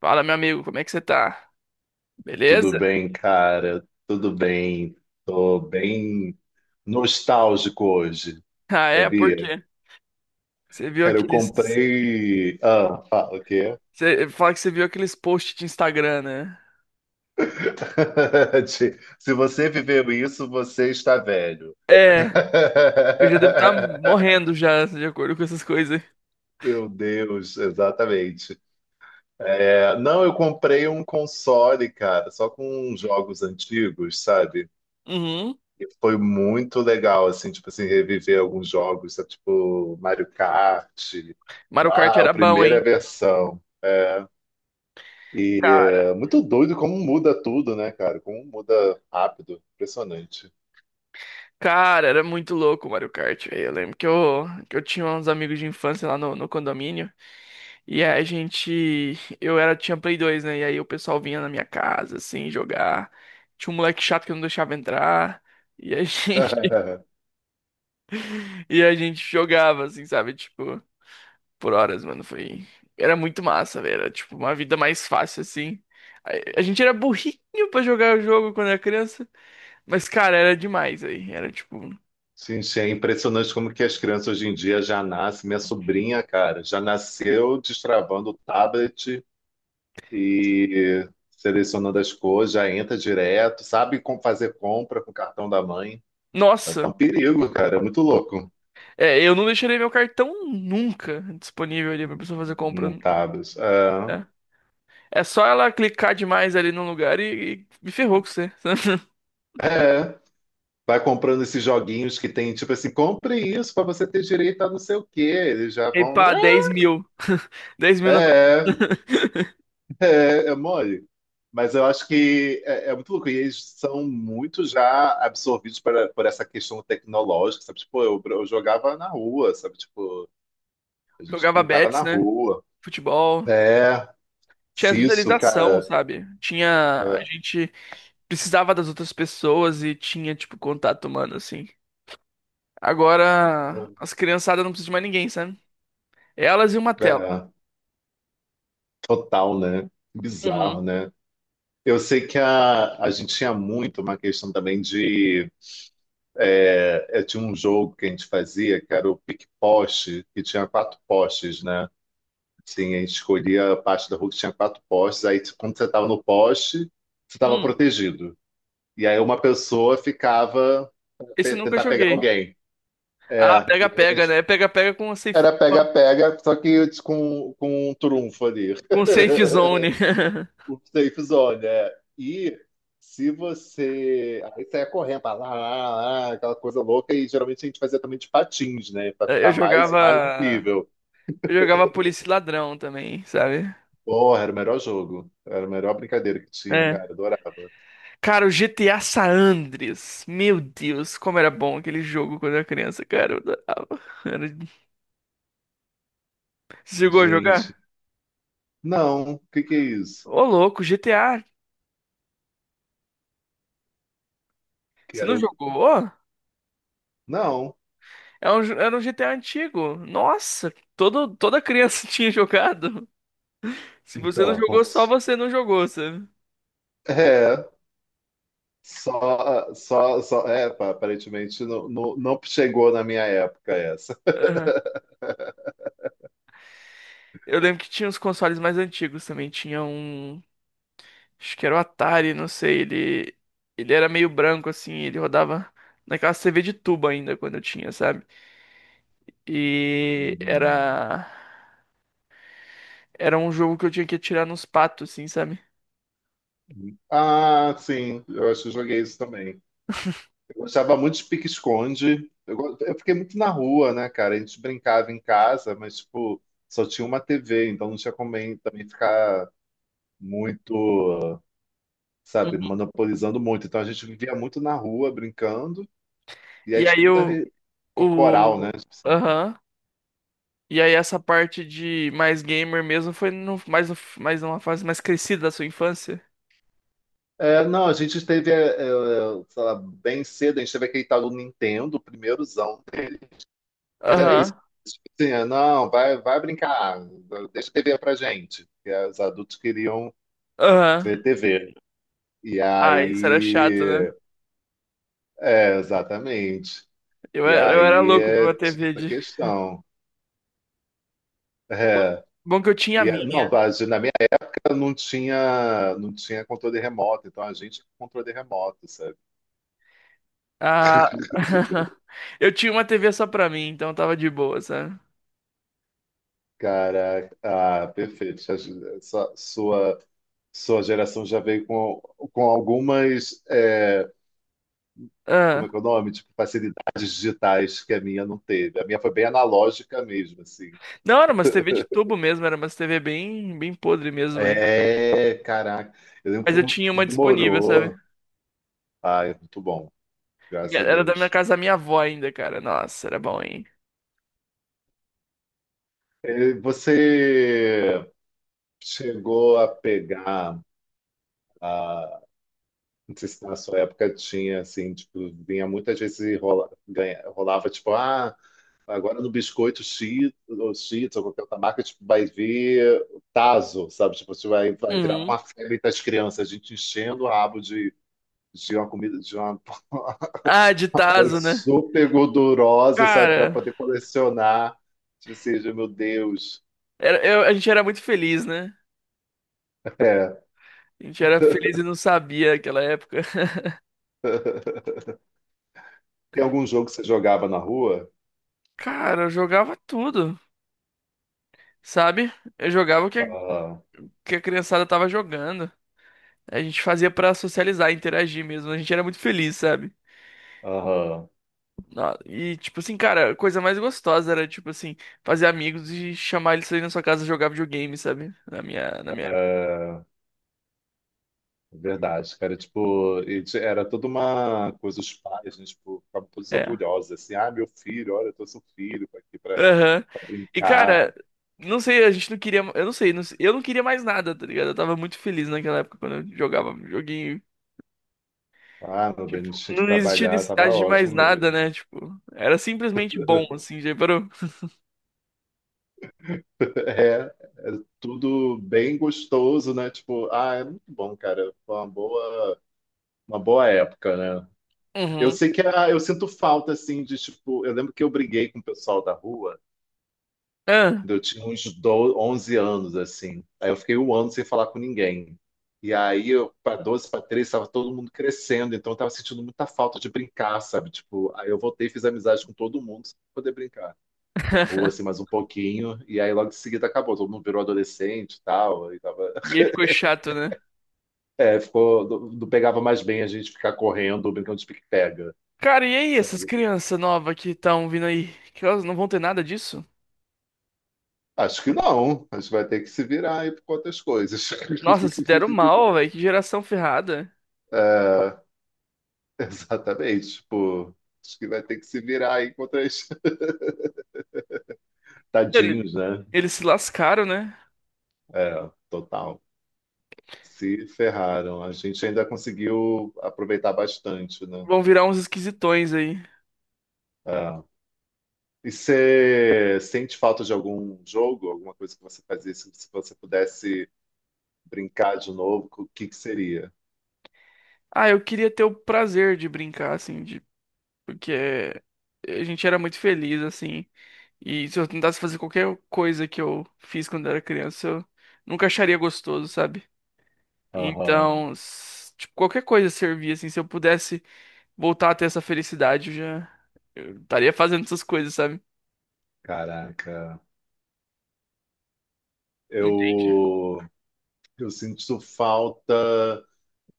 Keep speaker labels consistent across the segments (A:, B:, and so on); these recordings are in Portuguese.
A: Fala, meu amigo, como é que você tá?
B: Tudo
A: Beleza?
B: bem, cara? Tudo bem. Tô bem nostálgico hoje,
A: Ah, é? Por
B: sabia?
A: quê? Você viu
B: Cara, eu
A: aqueles.
B: comprei. Ah, fala o quê?
A: Você fala que você viu aqueles posts de Instagram, né?
B: Ti- Se você viveu isso, você está velho.
A: É, eu já devo estar morrendo já, de acordo com essas coisas.
B: Meu Deus, exatamente. Não, eu comprei um console, cara, só com jogos antigos, sabe?
A: Uhum.
B: E foi muito legal, assim, tipo, reviver alguns jogos, sabe, tipo Mario Kart,
A: Mario Kart
B: lá, a
A: era bom,
B: primeira
A: hein?
B: versão. É, e
A: Cara,
B: é muito doido como muda tudo, né, cara? Como muda rápido, impressionante.
A: cara, era muito louco o Mario Kart. Velho, eu lembro que eu tinha uns amigos de infância lá no condomínio. E aí a gente. Eu era, tinha Play dois, né? E aí o pessoal vinha na minha casa, assim, jogar. Tinha um moleque chato que não deixava entrar. E a gente. E a gente jogava, assim, sabe? Tipo, por horas, mano. Foi. Era muito massa, velho. Era, tipo, uma vida mais fácil, assim. A gente era burrinho pra jogar o jogo quando era criança. Mas, cara, era demais aí. Era, tipo.
B: Sim, sim, é impressionante como que as crianças hoje em dia já nascem. Minha sobrinha, cara, já nasceu destravando o tablet e selecionando as coisas, já entra direto, sabe como fazer compra com o cartão da mãe.
A: Nossa!
B: Tá um perigo, cara. É muito louco.
A: É, eu não deixaria meu cartão nunca disponível ali pra pessoa fazer compra, né?
B: Montados. É,
A: É, só ela clicar demais ali no lugar e me ferrou com você.
B: é. Vai comprando esses joguinhos que tem, tipo assim, compre isso pra você ter direito a não sei o quê. Eles já
A: E
B: vão.
A: pá, 10 mil. Dez mil na.
B: É, é, é mole. Mas eu acho que é muito louco. E eles são muito já absorvidos para, por essa questão tecnológica, sabe? Tipo, eu jogava na rua, sabe? Tipo, a gente
A: Jogava
B: brincava na
A: bets, né?
B: rua.
A: Futebol.
B: É,
A: Tinha
B: se isso,
A: socialização,
B: cara.
A: sabe? Tinha. A
B: É,
A: gente precisava das outras pessoas e tinha, tipo, contato humano, assim. Agora, as criançadas não precisam de mais ninguém, sabe? Elas e uma tela.
B: é, total, né?
A: Uhum.
B: Bizarro, né? Eu sei que a gente tinha muito uma questão também de. É, tinha um jogo que a gente fazia, que era o pique-poste, que tinha quatro postes, né? Sim, a gente escolhia a parte da rua que tinha quatro postes, aí tipo, quando você estava no poste, você estava
A: Hum,
B: protegido. E aí uma pessoa ficava
A: esse
B: pe-
A: eu nunca
B: tentar pegar
A: joguei.
B: alguém. É,
A: Ah,
B: e aí
A: pega-pega,
B: tipo,
A: né? Pega-pega
B: era pega-pega, só que com um trunfo ali.
A: com safe zone.
B: O safe zone, é. E se você. Aí você ia correndo, pá, lá, lá, lá, aquela coisa louca, e geralmente a gente fazia também de patins, né? Pra
A: Eu
B: ficar mais no
A: jogava.
B: nível.
A: Eu jogava polícia e ladrão também, sabe?
B: Porra, era o melhor jogo. Era a melhor brincadeira que tinha,
A: É.
B: cara. Adorava.
A: Cara, o GTA San Andreas. Meu Deus, como era bom aquele jogo quando eu era criança, cara. Eu adorava. Era. Você chegou a
B: Gente.
A: jogar?
B: Não, o que que é isso?
A: Ô, louco, GTA. Você não
B: Quero.
A: jogou?
B: Não.
A: É um era um GTA antigo. Nossa, todo, toda criança tinha jogado. Se você não
B: Então.
A: jogou, só você não jogou, sabe?
B: É. Só. É, pá, aparentemente não chegou na minha época essa.
A: Aham. Eu lembro que tinha uns consoles mais antigos também. Tinha um. Acho que era o Atari, não sei. Ele era meio branco, assim. Ele rodava naquela TV de tubo ainda, quando eu tinha, sabe? E
B: Uhum.
A: era. Era um jogo que eu tinha que atirar nos patos, assim, sabe?
B: Ah, sim. Eu acho que eu joguei isso também. Eu gostava muito de pique-esconde. Eu, go- eu fiquei muito na rua, né, cara? A gente brincava em casa, mas, tipo, só tinha uma TV, então não tinha como bem- também ficar muito, sabe,
A: Uhum.
B: monopolizando muito. Então a gente vivia muito na rua, brincando, e aí
A: E
B: tinha
A: aí
B: muita
A: eu.
B: re- corporal, né?
A: O.
B: Tipo assim.
A: Aham. E aí essa parte de mais gamer mesmo foi no, mais, mais numa fase mais crescida da sua infância?
B: Não, a gente teve, é, sei lá, bem cedo, a gente teve aquele tal do Nintendo, o primeirozão. É isso.
A: Aham,
B: Tipo assim, não, vai brincar, deixa a TV pra gente. Porque os adultos queriam
A: aham.
B: ver TV. E
A: Ah, isso era chato, né?
B: aí, é, exatamente. E
A: Eu era
B: aí
A: louco pra
B: é,
A: uma
B: tinha
A: TV
B: essa
A: de...
B: questão. É.
A: Bom que eu tinha a
B: Não,
A: minha.
B: a gente- na minha época não tinha, não tinha controle remoto, então a gente com controle remoto, sabe?
A: Ah, eu tinha uma TV só pra mim, então tava de boa, sabe?
B: Cara, ah, perfeito. Já- Sua, sua, sua geração já veio com algumas, é, como
A: Ah.
B: é que é o nome? Tipo, facilidades digitais que a minha não teve. A minha foi bem analógica mesmo, assim.
A: Não, era umas TV de tubo mesmo, era umas TV bem, bem podre mesmo,
B: É, caraca. Eu lembro que
A: mas
B: foi
A: eu
B: um-
A: tinha uma disponível, sabe?
B: demorou. Ah, é muito bom, graças
A: Minha-
B: a
A: Era da minha
B: Deus.
A: casa da minha avó ainda, cara. Nossa, era bom, hein?
B: Eh, você chegou a pegar a, não sei se na sua época tinha assim, tipo, vinha muitas vezes e rola, ganha- rolava tipo, ah, agora no biscoito Cheetos, ou Cheetos, ou qualquer outra marca, tipo, vai vir tazo, sabe? Tipo, você vai virar
A: Uhum.
B: uma febre das crianças, a gente enchendo o rabo de uma comida, de uma
A: Ah, de
B: parada
A: tazo, né?
B: super gordurosa, sabe, para
A: Cara...
B: poder colecionar. Tipo assim, meu Deus.
A: A gente era muito feliz, né?
B: É.
A: A gente era feliz e não sabia naquela época.
B: Tem algum jogo que você jogava na rua?
A: Cara, eu jogava tudo, sabe? Eu jogava
B: Aham,
A: que a criançada tava jogando. A gente fazia pra socializar, interagir mesmo. A gente era muito feliz, sabe?
B: aham.
A: Nó- E, tipo assim, cara, a coisa mais gostosa era, tipo assim, fazer amigos e chamar eles pra ir na sua casa jogar videogame, sabe? Na minha época.
B: É, verdade, cara. Tipo, e ti- era toda uma coisa, os pais, né, tipo, ficavam todos
A: É.
B: orgulhosos, assim, ah, meu filho, olha, eu trouxe um filho aqui pra,
A: Aham.
B: pra
A: E,
B: brincar.
A: cara, não sei, a gente não queria. Eu não sei, eu não queria mais nada, tá ligado? Eu tava muito feliz naquela época quando eu jogava videogame.
B: Ah, meu bem, não
A: Tipo,
B: tinha que
A: não existia
B: trabalhar, tava
A: necessidade de mais
B: ótimo
A: nada,
B: mesmo.
A: né? Tipo, era simplesmente bom, assim, já parou.
B: É, é tudo bem gostoso, né? Tipo, ah, é muito bom, cara. Foi uma boa época, né? Eu
A: Uhum.
B: sei que ah, eu sinto falta, assim, de, tipo, eu lembro que eu briguei com o pessoal da rua.
A: Ah.
B: Eu tinha uns 12, 11 anos, assim. Aí eu fiquei um ano sem falar com ninguém. E aí, para 12 para 13, estava todo mundo crescendo, então eu estava sentindo muita falta de brincar, sabe? Tipo, aí eu voltei e fiz amizade com todo mundo, só pra poder brincar na rua, assim, mais um pouquinho. E aí, logo em seguida, acabou. Todo mundo virou adolescente e tal. E tava...
A: E aí ficou chato, né?
B: É, ficou... Não pegava mais bem a gente ficar correndo, ou brincando de pique-pega,
A: Cara, e aí, essas
B: sabe?
A: crianças novas que estão vindo aí? Que elas não vão ter nada disso?
B: Acho que não. A gente vai ter que se virar aí por outras coisas.
A: Nossa, se deram mal, velho. Que geração ferrada.
B: É, exatamente, tipo, acho que vai ter que se virar aí contra os
A: Ele-
B: tadinhos, né?
A: Eles se lascaram, né?
B: É, total. Se ferraram. A gente ainda conseguiu aproveitar bastante, né?
A: Vão virar uns esquisitões aí.
B: É. E você sente falta de algum jogo, alguma coisa que você fazia, se você pudesse brincar de novo, o que que seria?
A: Ah, eu queria ter o prazer de brincar, assim, de... Porque a gente era muito feliz, assim. E se eu tentasse fazer qualquer coisa que eu fiz quando era criança, eu nunca acharia gostoso, sabe?
B: Aham.
A: Então, tipo, qualquer coisa servia, assim, se eu pudesse voltar a ter essa felicidade, eu estaria fazendo essas coisas, sabe?
B: Caraca. Eu, eu sinto falta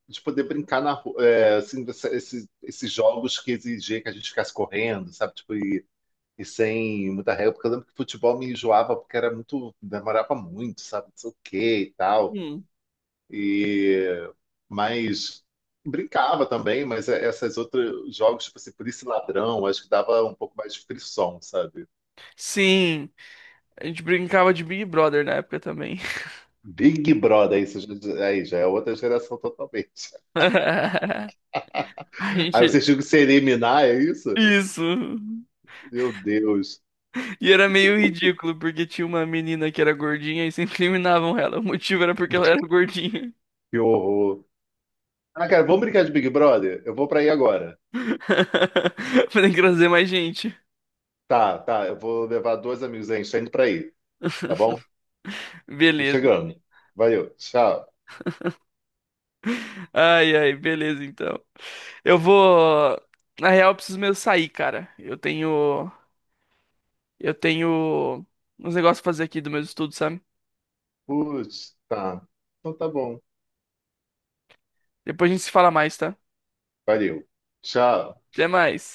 B: de poder brincar na rua, é, assim, essa- esses, esses jogos que exigia que a gente ficasse correndo, sabe? Tipo, e sem muita regra, porque eu lembro que futebol me enjoava porque era muito, demorava muito, sabe? Não sei o quê e tal.
A: Hum.
B: E, mas brincava também, mas é- essas outras jogos, tipo assim, polícia e ladrão, acho que dava um pouco mais de frição, sabe?
A: Sim, a gente brincava de Big Brother na época também.
B: Big Brother, isso já- aí já é outra geração totalmente.
A: A
B: Aí
A: gente.
B: vocês tinham que se eliminar, é isso?
A: Isso.
B: Meu Deus,
A: E era meio ridículo, porque tinha uma menina que era gordinha e sempre eliminavam ela. O motivo era porque ela era gordinha.
B: que horror. Ah, cara, vamos brincar de Big Brother? Eu vou pra aí agora.
A: Pra trazer mais gente.
B: Tá. Eu vou levar dois amigos aí. A gente tá indo pra aí, tá bom? Tô
A: Beleza.
B: chegando. Valeu. Tchau.
A: Ai, ai, beleza, então. Eu vou. Na real, eu preciso mesmo sair, cara. Eu tenho. Eu tenho uns negócios pra fazer aqui do meu estudo, sabe?
B: Putz, tá. Então tá bom.
A: Depois a gente se fala mais, tá?
B: Valeu. Tchau.
A: Até mais.